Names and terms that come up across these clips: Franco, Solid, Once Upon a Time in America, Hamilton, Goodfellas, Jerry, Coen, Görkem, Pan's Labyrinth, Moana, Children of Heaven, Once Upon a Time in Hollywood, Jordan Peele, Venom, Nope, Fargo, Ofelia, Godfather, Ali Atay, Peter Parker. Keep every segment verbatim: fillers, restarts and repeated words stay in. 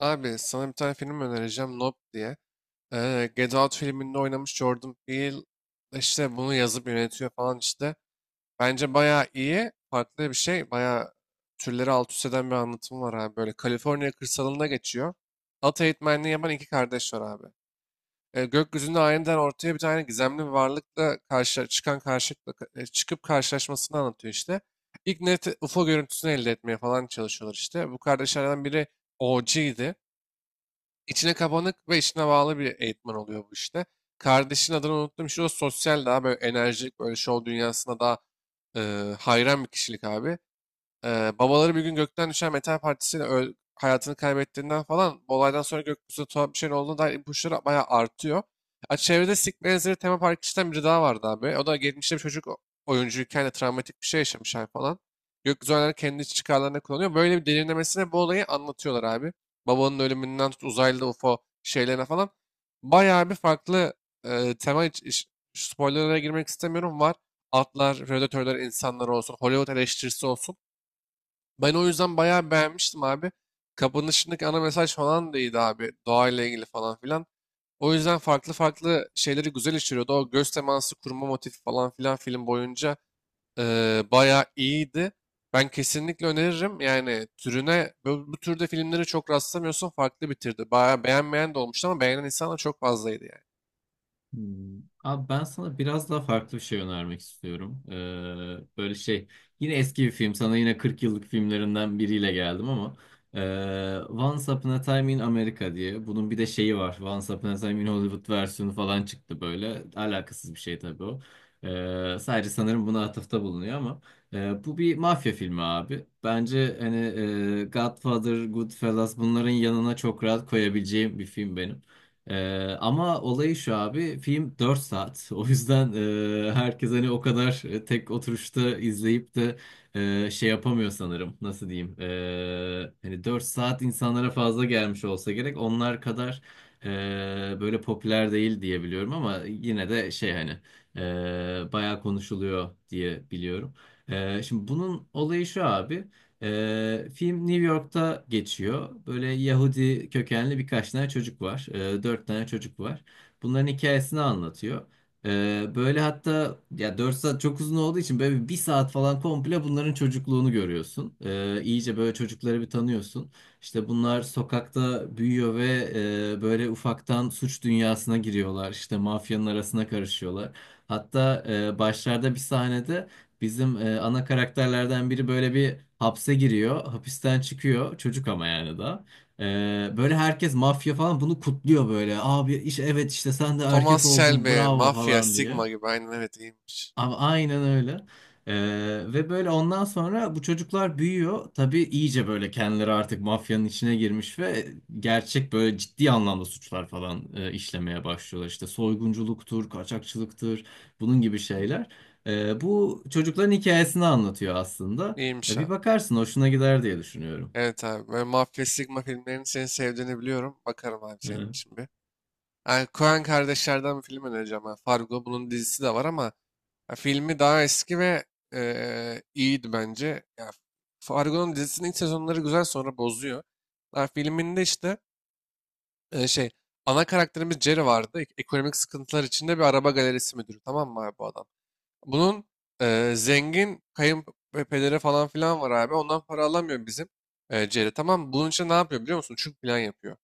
Abi sana bir tane film önereceğim Nope diye. Ee, Get Out filminde oynamış Jordan Peele işte bunu yazıp yönetiyor falan işte. Bence bayağı iyi. Farklı bir şey. Bayağı türleri alt üst eden bir anlatım var abi. Böyle Kaliforniya kırsalında geçiyor. At eğitmenliği yapan iki kardeş var abi. Ee, gökyüzünde aniden ortaya bir tane gizemli bir varlıkla karşı, çıkan karşılıkla e, çıkıp karşılaşmasını anlatıyor işte. İlk net U F O görüntüsünü elde etmeye falan çalışıyorlar işte. Bu kardeşlerden biri O G'ydi. İçine kapanık ve içine bağlı bir eğitmen oluyor bu işte. Kardeşin adını unuttum. Şu o sosyal daha böyle enerjik, böyle şov dünyasına daha e, hayran bir kişilik abi. Ee, babaları bir gün gökten düşen metal partisiyle öl- hayatını kaybettiğinden falan bu olaydan sonra gökyüzünde tuhaf bir şeyin olduğuna dair ipuçları bayağı artıyor. Ha, çevrede Sick benzeri tema parkçıdan biri daha vardı abi. O da geçmişte bir çocuk o- oyuncuyken de travmatik bir şey yaşamış abi falan. Gökyüzü oyunları kendi iç çıkarlarına kullanıyor. Böyle bir derinlemesine bu olayı anlatıyorlar abi. Babanın ölümünden tut uzaylı U F O şeylerine falan. Bayağı bir farklı e, tema iç, iç- spoilerlara girmek istemiyorum. Var atlar, predatörler, insanlar olsun, Hollywood eleştirisi olsun. Ben o yüzden bayağı beğenmiştim abi. Kapanışındaki ana mesaj falan da iyiydi abi. Doğayla ilgili falan filan. O yüzden farklı farklı şeyleri güzel işliyordu. O göz teması kurma motifi falan filan film boyunca Eee bayağı iyiydi. Ben kesinlikle öneririm. Yani türüne bu, bu türde filmleri çok rastlamıyorsun. Farklı bitirdi. Bayağı beğenmeyen de olmuştu ama beğenen insan da çok fazlaydı yani. Hmm. Abi ben sana biraz daha farklı bir şey önermek istiyorum. Ee, böyle şey yine eski bir film, sana yine kırk yıllık filmlerinden biriyle geldim ama ee, Once Upon a Time in America diye bunun bir de şeyi var. Once Upon a Time in Hollywood versiyonu falan çıktı, böyle alakasız bir şey tabii o. Ee, sadece sanırım buna atıfta bulunuyor ama ee, bu bir mafya filmi abi. Bence hani ee, Godfather, Goodfellas bunların yanına çok rahat koyabileceğim bir film benim. Ee, ama olayı şu abi, film dört saat o yüzden e, herkes hani o kadar e, tek oturuşta izleyip de e, şey yapamıyor sanırım, nasıl diyeyim. Ee, hani dört saat insanlara fazla gelmiş olsa gerek, onlar kadar e, böyle popüler değil diye biliyorum ama yine de şey hani e, bayağı konuşuluyor diye biliyorum. Ee, şimdi bunun olayı şu abi. Ee, film New York'ta geçiyor. Böyle Yahudi kökenli birkaç tane çocuk var. Ee, dört tane çocuk var. Bunların hikayesini anlatıyor. Ee, böyle hatta ya, dört saat çok uzun olduğu için böyle bir saat falan komple bunların çocukluğunu görüyorsun. Ee, iyice böyle çocukları bir tanıyorsun. İşte bunlar sokakta büyüyor ve e, böyle ufaktan suç dünyasına giriyorlar. İşte mafyanın arasına karışıyorlar. Hatta e, başlarda bir sahnede Bizim e, ana karakterlerden biri böyle bir hapse giriyor. Hapisten çıkıyor. Çocuk ama yani da. E, Böyle herkes, mafya falan, bunu kutluyor böyle. Abi iş evet, işte sen de Thomas erkek oldun Shelby, bravo Mafya, falan diye. Sigma gibi. Aynen, evet, iyiymiş. Abi aynen öyle. Ee, ve böyle ondan sonra bu çocuklar büyüyor. Tabii iyice böyle kendileri artık mafyanın içine girmiş ve gerçek böyle ciddi anlamda suçlar falan e, işlemeye başlıyorlar. İşte soygunculuktur, kaçakçılıktır, bunun gibi şeyler. Ee, bu çocukların hikayesini anlatıyor aslında. E, İyiymiş Bir abi. bakarsın hoşuna gider diye düşünüyorum. Evet abi. Böyle Mafya, Sigma filmlerini senin sevdiğini biliyorum. Bakarım abi Hı senin hı. için bir. Yani Coen kardeşlerden bir film önereceğim ben. Fargo bunun dizisi de var ama ya filmi daha eski ve eee, iyiydi bence. Ya, Fargo'nun dizisinin ilk sezonları güzel sonra bozuyor. Ya, filminde işte e, şey ana karakterimiz Jerry vardı. Ek- Ekonomik sıkıntılar içinde bir araba galerisi müdürü, tamam mı abi bu adam? Bunun e, zengin kayınpederi falan filan var abi. Ondan para alamıyor bizim e, Jerry, tamam mı? Bunun için ne yapıyor biliyor musun? Çünkü plan yapıyor.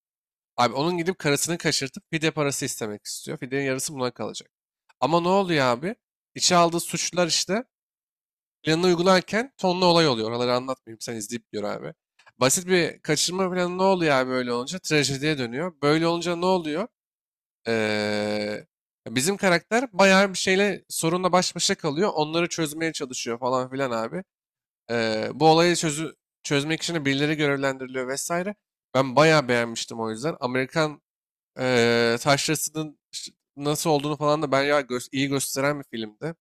Abi onun gidip karısını kaçırtıp fidye parası istemek istiyor. Fidyenin yarısı buna kalacak. Ama ne oluyor abi? İçe aldığı suçlar işte planını uygularken tonlu olay oluyor. Oraları anlatmayayım, sen izleyip gör abi. Basit bir kaçırma planı ne oluyor abi böyle olunca? Trajediye dönüyor. Böyle olunca ne oluyor? Ee, bizim karakter bayağı bir şeyle sorunla baş başa kalıyor. Onları çözmeye çalışıyor falan filan abi. Ee, bu olayı çözü, çözmek için de birileri görevlendiriliyor vesaire. Ben bayağı beğenmiştim o yüzden. Amerikan Eee taşrasının ş- nasıl olduğunu falan da bayağı gö- iyi gösteren bir filmdi.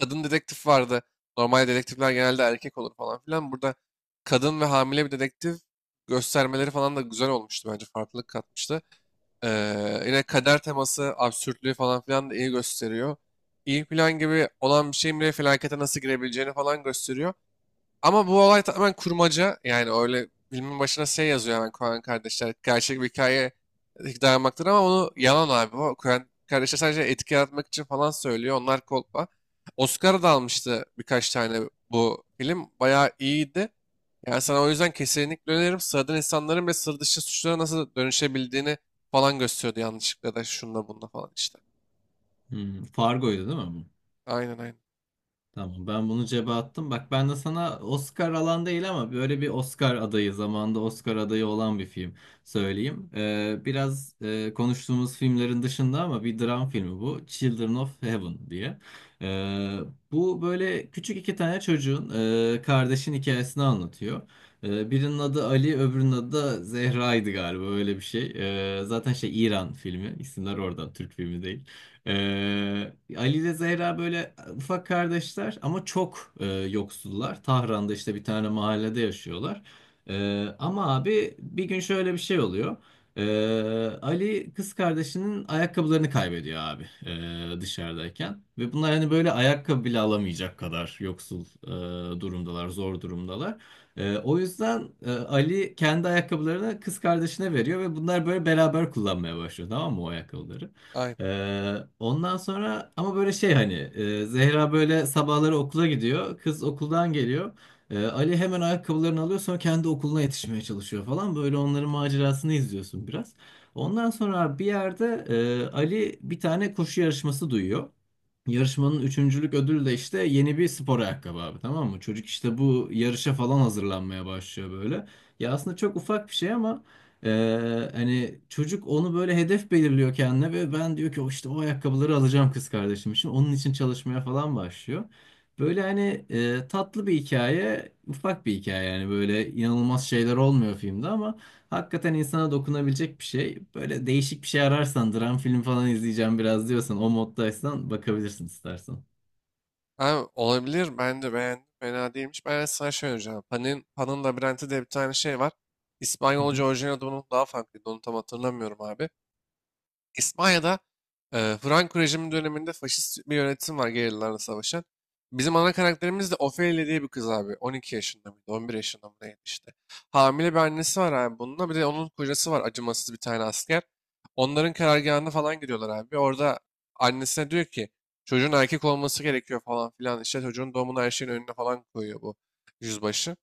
Kadın dedektif vardı. Normal dedektifler genelde erkek olur falan filan. Burada kadın ve hamile bir dedektif göstermeleri falan da güzel olmuştu bence. Farklılık katmıştı. Eee, yine kader teması, absürtlüğü falan filan da iyi gösteriyor. İyi plan gibi olan bir şeyin bile felakete nasıl girebileceğini falan gösteriyor. Ama bu olay tamamen kurmaca. Yani öyle filmin başına şey yazıyor hemen Coen kardeşler. Gerçek bir hikaye dayanmaktır ama onu yalan abi. O Coen kardeşler sadece etki yaratmak için falan söylüyor. Onlar kolpa. Oscar da almıştı birkaç tane bu film. Bayağı iyiydi. Yani sana o yüzden kesinlikle öneririm. Sıradan insanların ve sır dışı suçlara nasıl dönüşebildiğini falan gösteriyordu yanlışlıkla da şunda bunda falan işte. Hmm, Fargo'ydu değil mi bu? Aynen, aynen. Tamam, ben bunu cebe attım. Bak, ben de sana Oscar alan değil ama böyle bir Oscar adayı zamanda Oscar adayı olan bir film söyleyeyim. Ee, biraz e, konuştuğumuz filmlerin dışında ama bir dram filmi bu. Children of Heaven diye. Ee, Bu böyle küçük iki tane çocuğun e, kardeşin hikayesini anlatıyor. Ee, birinin adı Ali, öbürünün adı da Zehra'ydı galiba, öyle bir şey. Ee, zaten şey, İran filmi, isimler oradan, Türk filmi değil. Ee, Ali ile Zehra böyle ufak kardeşler ama çok e, yoksullar. Tahran'da işte bir tane mahallede yaşıyorlar. Ee, ama abi bir gün şöyle bir şey oluyor. Ee, Ali kız kardeşinin ayakkabılarını kaybediyor abi, e, dışarıdayken. Ve bunlar hani böyle ayakkabı bile alamayacak kadar yoksul e, durumdalar, zor durumdalar. E, o yüzden e, Ali kendi ayakkabılarını kız kardeşine veriyor ve bunlar böyle beraber kullanmaya başlıyor, tamam mı, o ayakkabıları? Aynen. Ee, ondan sonra ama böyle şey hani e, Zehra böyle sabahları okula gidiyor. Kız okuldan geliyor. Ee, Ali hemen ayakkabılarını alıyor, sonra kendi okuluna yetişmeye çalışıyor falan. Böyle onların macerasını izliyorsun biraz. Ondan sonra bir yerde e, Ali bir tane koşu yarışması duyuyor. Yarışmanın üçüncülük ödülü de işte yeni bir spor ayakkabı abi, tamam mı? Çocuk işte bu yarışa falan hazırlanmaya başlıyor böyle. Ya aslında çok ufak bir şey ama e, hani çocuk onu böyle hedef belirliyor kendine ve ben, diyor ki, o işte o ayakkabıları alacağım kız kardeşim için. Onun için çalışmaya falan başlıyor. Böyle hani e, tatlı bir hikaye, ufak bir hikaye, yani böyle inanılmaz şeyler olmuyor filmde ama hakikaten insana dokunabilecek bir şey. Böyle değişik bir şey ararsan, dram film falan izleyeceğim biraz diyorsan, o moddaysan, bakabilirsin istersen. Abi olabilir. Ben de beğendim. Fena değilmiş. Ben, evet, sana şey önereceğim. Panin Pan'ın Labirenti diye bir tane şey var. Hı İspanyolca hı. orijinal adını daha farklıydı. Onu tam hatırlamıyorum abi. İspanya'da e, Franco rejimi döneminde faşist bir yönetim var gerillalarla savaşan. Bizim ana karakterimiz de Ofelia diye bir kız abi. on iki yaşında mıydı? on bir yaşında mı neydi işte. Hamile bir annesi var abi bununla. Bir de onun kocası var, acımasız bir tane asker. Onların karargahına falan gidiyorlar abi. Orada annesine diyor ki çocuğun erkek olması gerekiyor falan filan. İşte çocuğun doğumunu her şeyin önüne falan koyuyor bu yüzbaşı.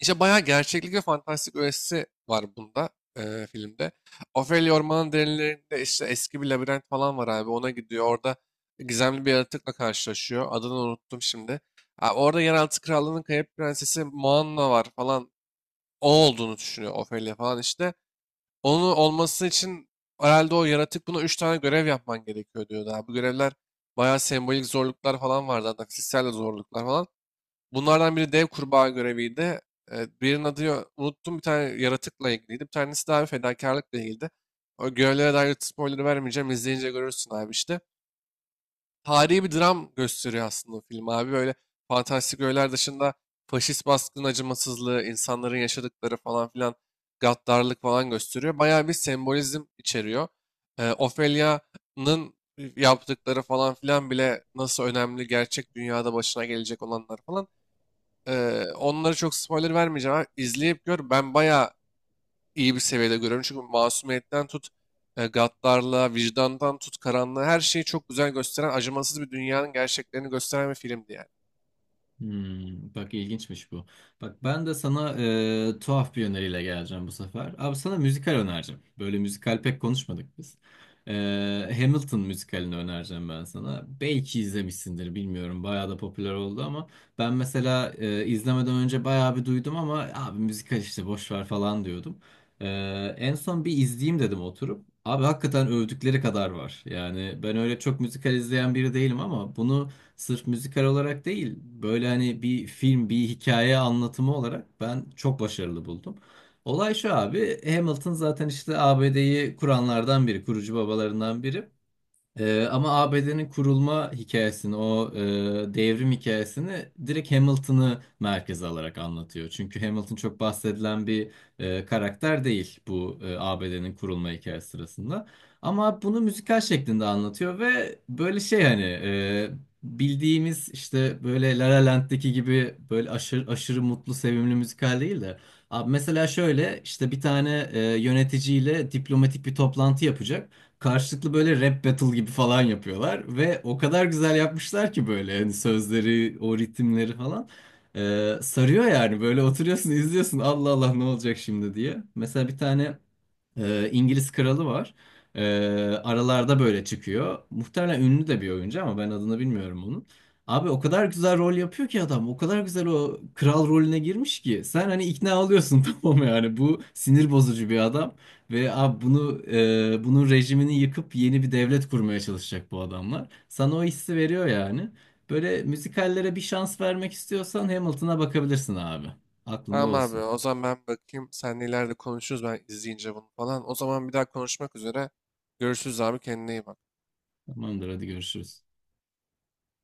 İşte bayağı gerçeklik ve fantastik öğesi var bunda eee, filmde. Ophelia Orman'ın derinlerinde işte eski bir labirent falan var abi. Ona gidiyor. Orada gizemli bir yaratıkla karşılaşıyor. Adını unuttum şimdi. Ha, orada yeraltı krallığının kayıp prensesi Moana var falan. O olduğunu düşünüyor Ophelia falan işte. Onun olması için herhalde o yaratık buna üç tane görev yapman gerekiyor diyordu abi. Bu görevler bayağı sembolik zorluklar falan vardı. Hatta fiziksel de zorluklar falan. Bunlardan biri dev kurbağa göreviydi. Ee, birinin adı yo- unuttum bir tane yaratıkla ilgiliydi. Bir tanesi de abi fedakarlıkla ilgiliydi. O görevlere dair spoiler vermeyeceğim. İzleyince görürsün abi işte. Tarihi bir dram gösteriyor aslında o film abi. Böyle fantastik öğeler dışında faşist baskının acımasızlığı, insanların yaşadıkları falan filan gaddarlık falan gösteriyor. Bayağı bir sembolizm içeriyor. Ee, Ophelia'nın yaptıkları falan filan bile nasıl önemli gerçek dünyada başına gelecek olanlar falan. Ee, onlara çok spoiler vermeyeceğim abi. İzleyip gör. Ben bayağı iyi bir seviyede görüyorum. Çünkü masumiyetten tut, e, gaddarlığa, vicdandan tut, karanlığa her şeyi çok güzel gösteren, acımasız bir dünyanın gerçeklerini gösteren bir filmdi yani. Hmm, bak ilginçmiş bu. Bak, ben de sana e, tuhaf bir öneriyle geleceğim bu sefer. Abi sana müzikal önereceğim. Böyle müzikal pek konuşmadık biz. E, Hamilton müzikalini önereceğim ben sana. Belki izlemişsindir, bilmiyorum. Bayağı da popüler oldu ama ben mesela e, izlemeden önce bayağı bir duydum ama abi müzikal işte, boş ver falan diyordum. E, En son bir izleyeyim dedim oturup. Abi hakikaten övdükleri kadar var. Yani ben öyle çok müzikal izleyen biri değilim ama bunu sırf müzikal olarak değil, böyle hani bir film, bir hikaye anlatımı olarak ben çok başarılı buldum. Olay şu abi, Hamilton zaten işte A B D'yi kuranlardan biri, kurucu babalarından biri. Ee, ama A B D'nin kurulma hikayesini, o e, devrim hikayesini direkt Hamilton'ı merkeze alarak anlatıyor. Çünkü Hamilton çok bahsedilen bir e, karakter değil bu e, A B D'nin kurulma hikayesi sırasında. Ama bunu müzikal şeklinde anlatıyor ve böyle şey hani e, bildiğimiz işte böyle La La Land'deki gibi böyle aşırı, aşırı mutlu, sevimli müzikal değil de. Abi mesela şöyle işte bir tane e, yöneticiyle diplomatik bir toplantı yapacak, karşılıklı böyle rap battle gibi falan yapıyorlar ve o kadar güzel yapmışlar ki, böyle hani sözleri, o ritimleri falan. Ee, sarıyor yani, böyle oturuyorsun izliyorsun, Allah Allah ne olacak şimdi diye. Mesela bir tane ee, İngiliz kralı var. Ee, Aralarda böyle çıkıyor. Muhtemelen ünlü de bir oyuncu ama ben adını bilmiyorum onun. Abi o kadar güzel rol yapıyor ki adam. O kadar güzel o kral rolüne girmiş ki. Sen hani ikna oluyorsun tamam mı, yani. Bu sinir bozucu bir adam. Ve abi bunu e, bunun rejimini yıkıp yeni bir devlet kurmaya çalışacak bu adamlar. Sana o hissi veriyor yani. Böyle müzikallere bir şans vermek istiyorsan Hamilton'a bakabilirsin abi. Aklında Tamam abi, olsun. o zaman ben bakayım. Seninle ileride konuşuruz ben izleyince bunu falan. O zaman bir daha konuşmak üzere. Görüşürüz abi, kendine iyi bak. Tamamdır, hadi görüşürüz.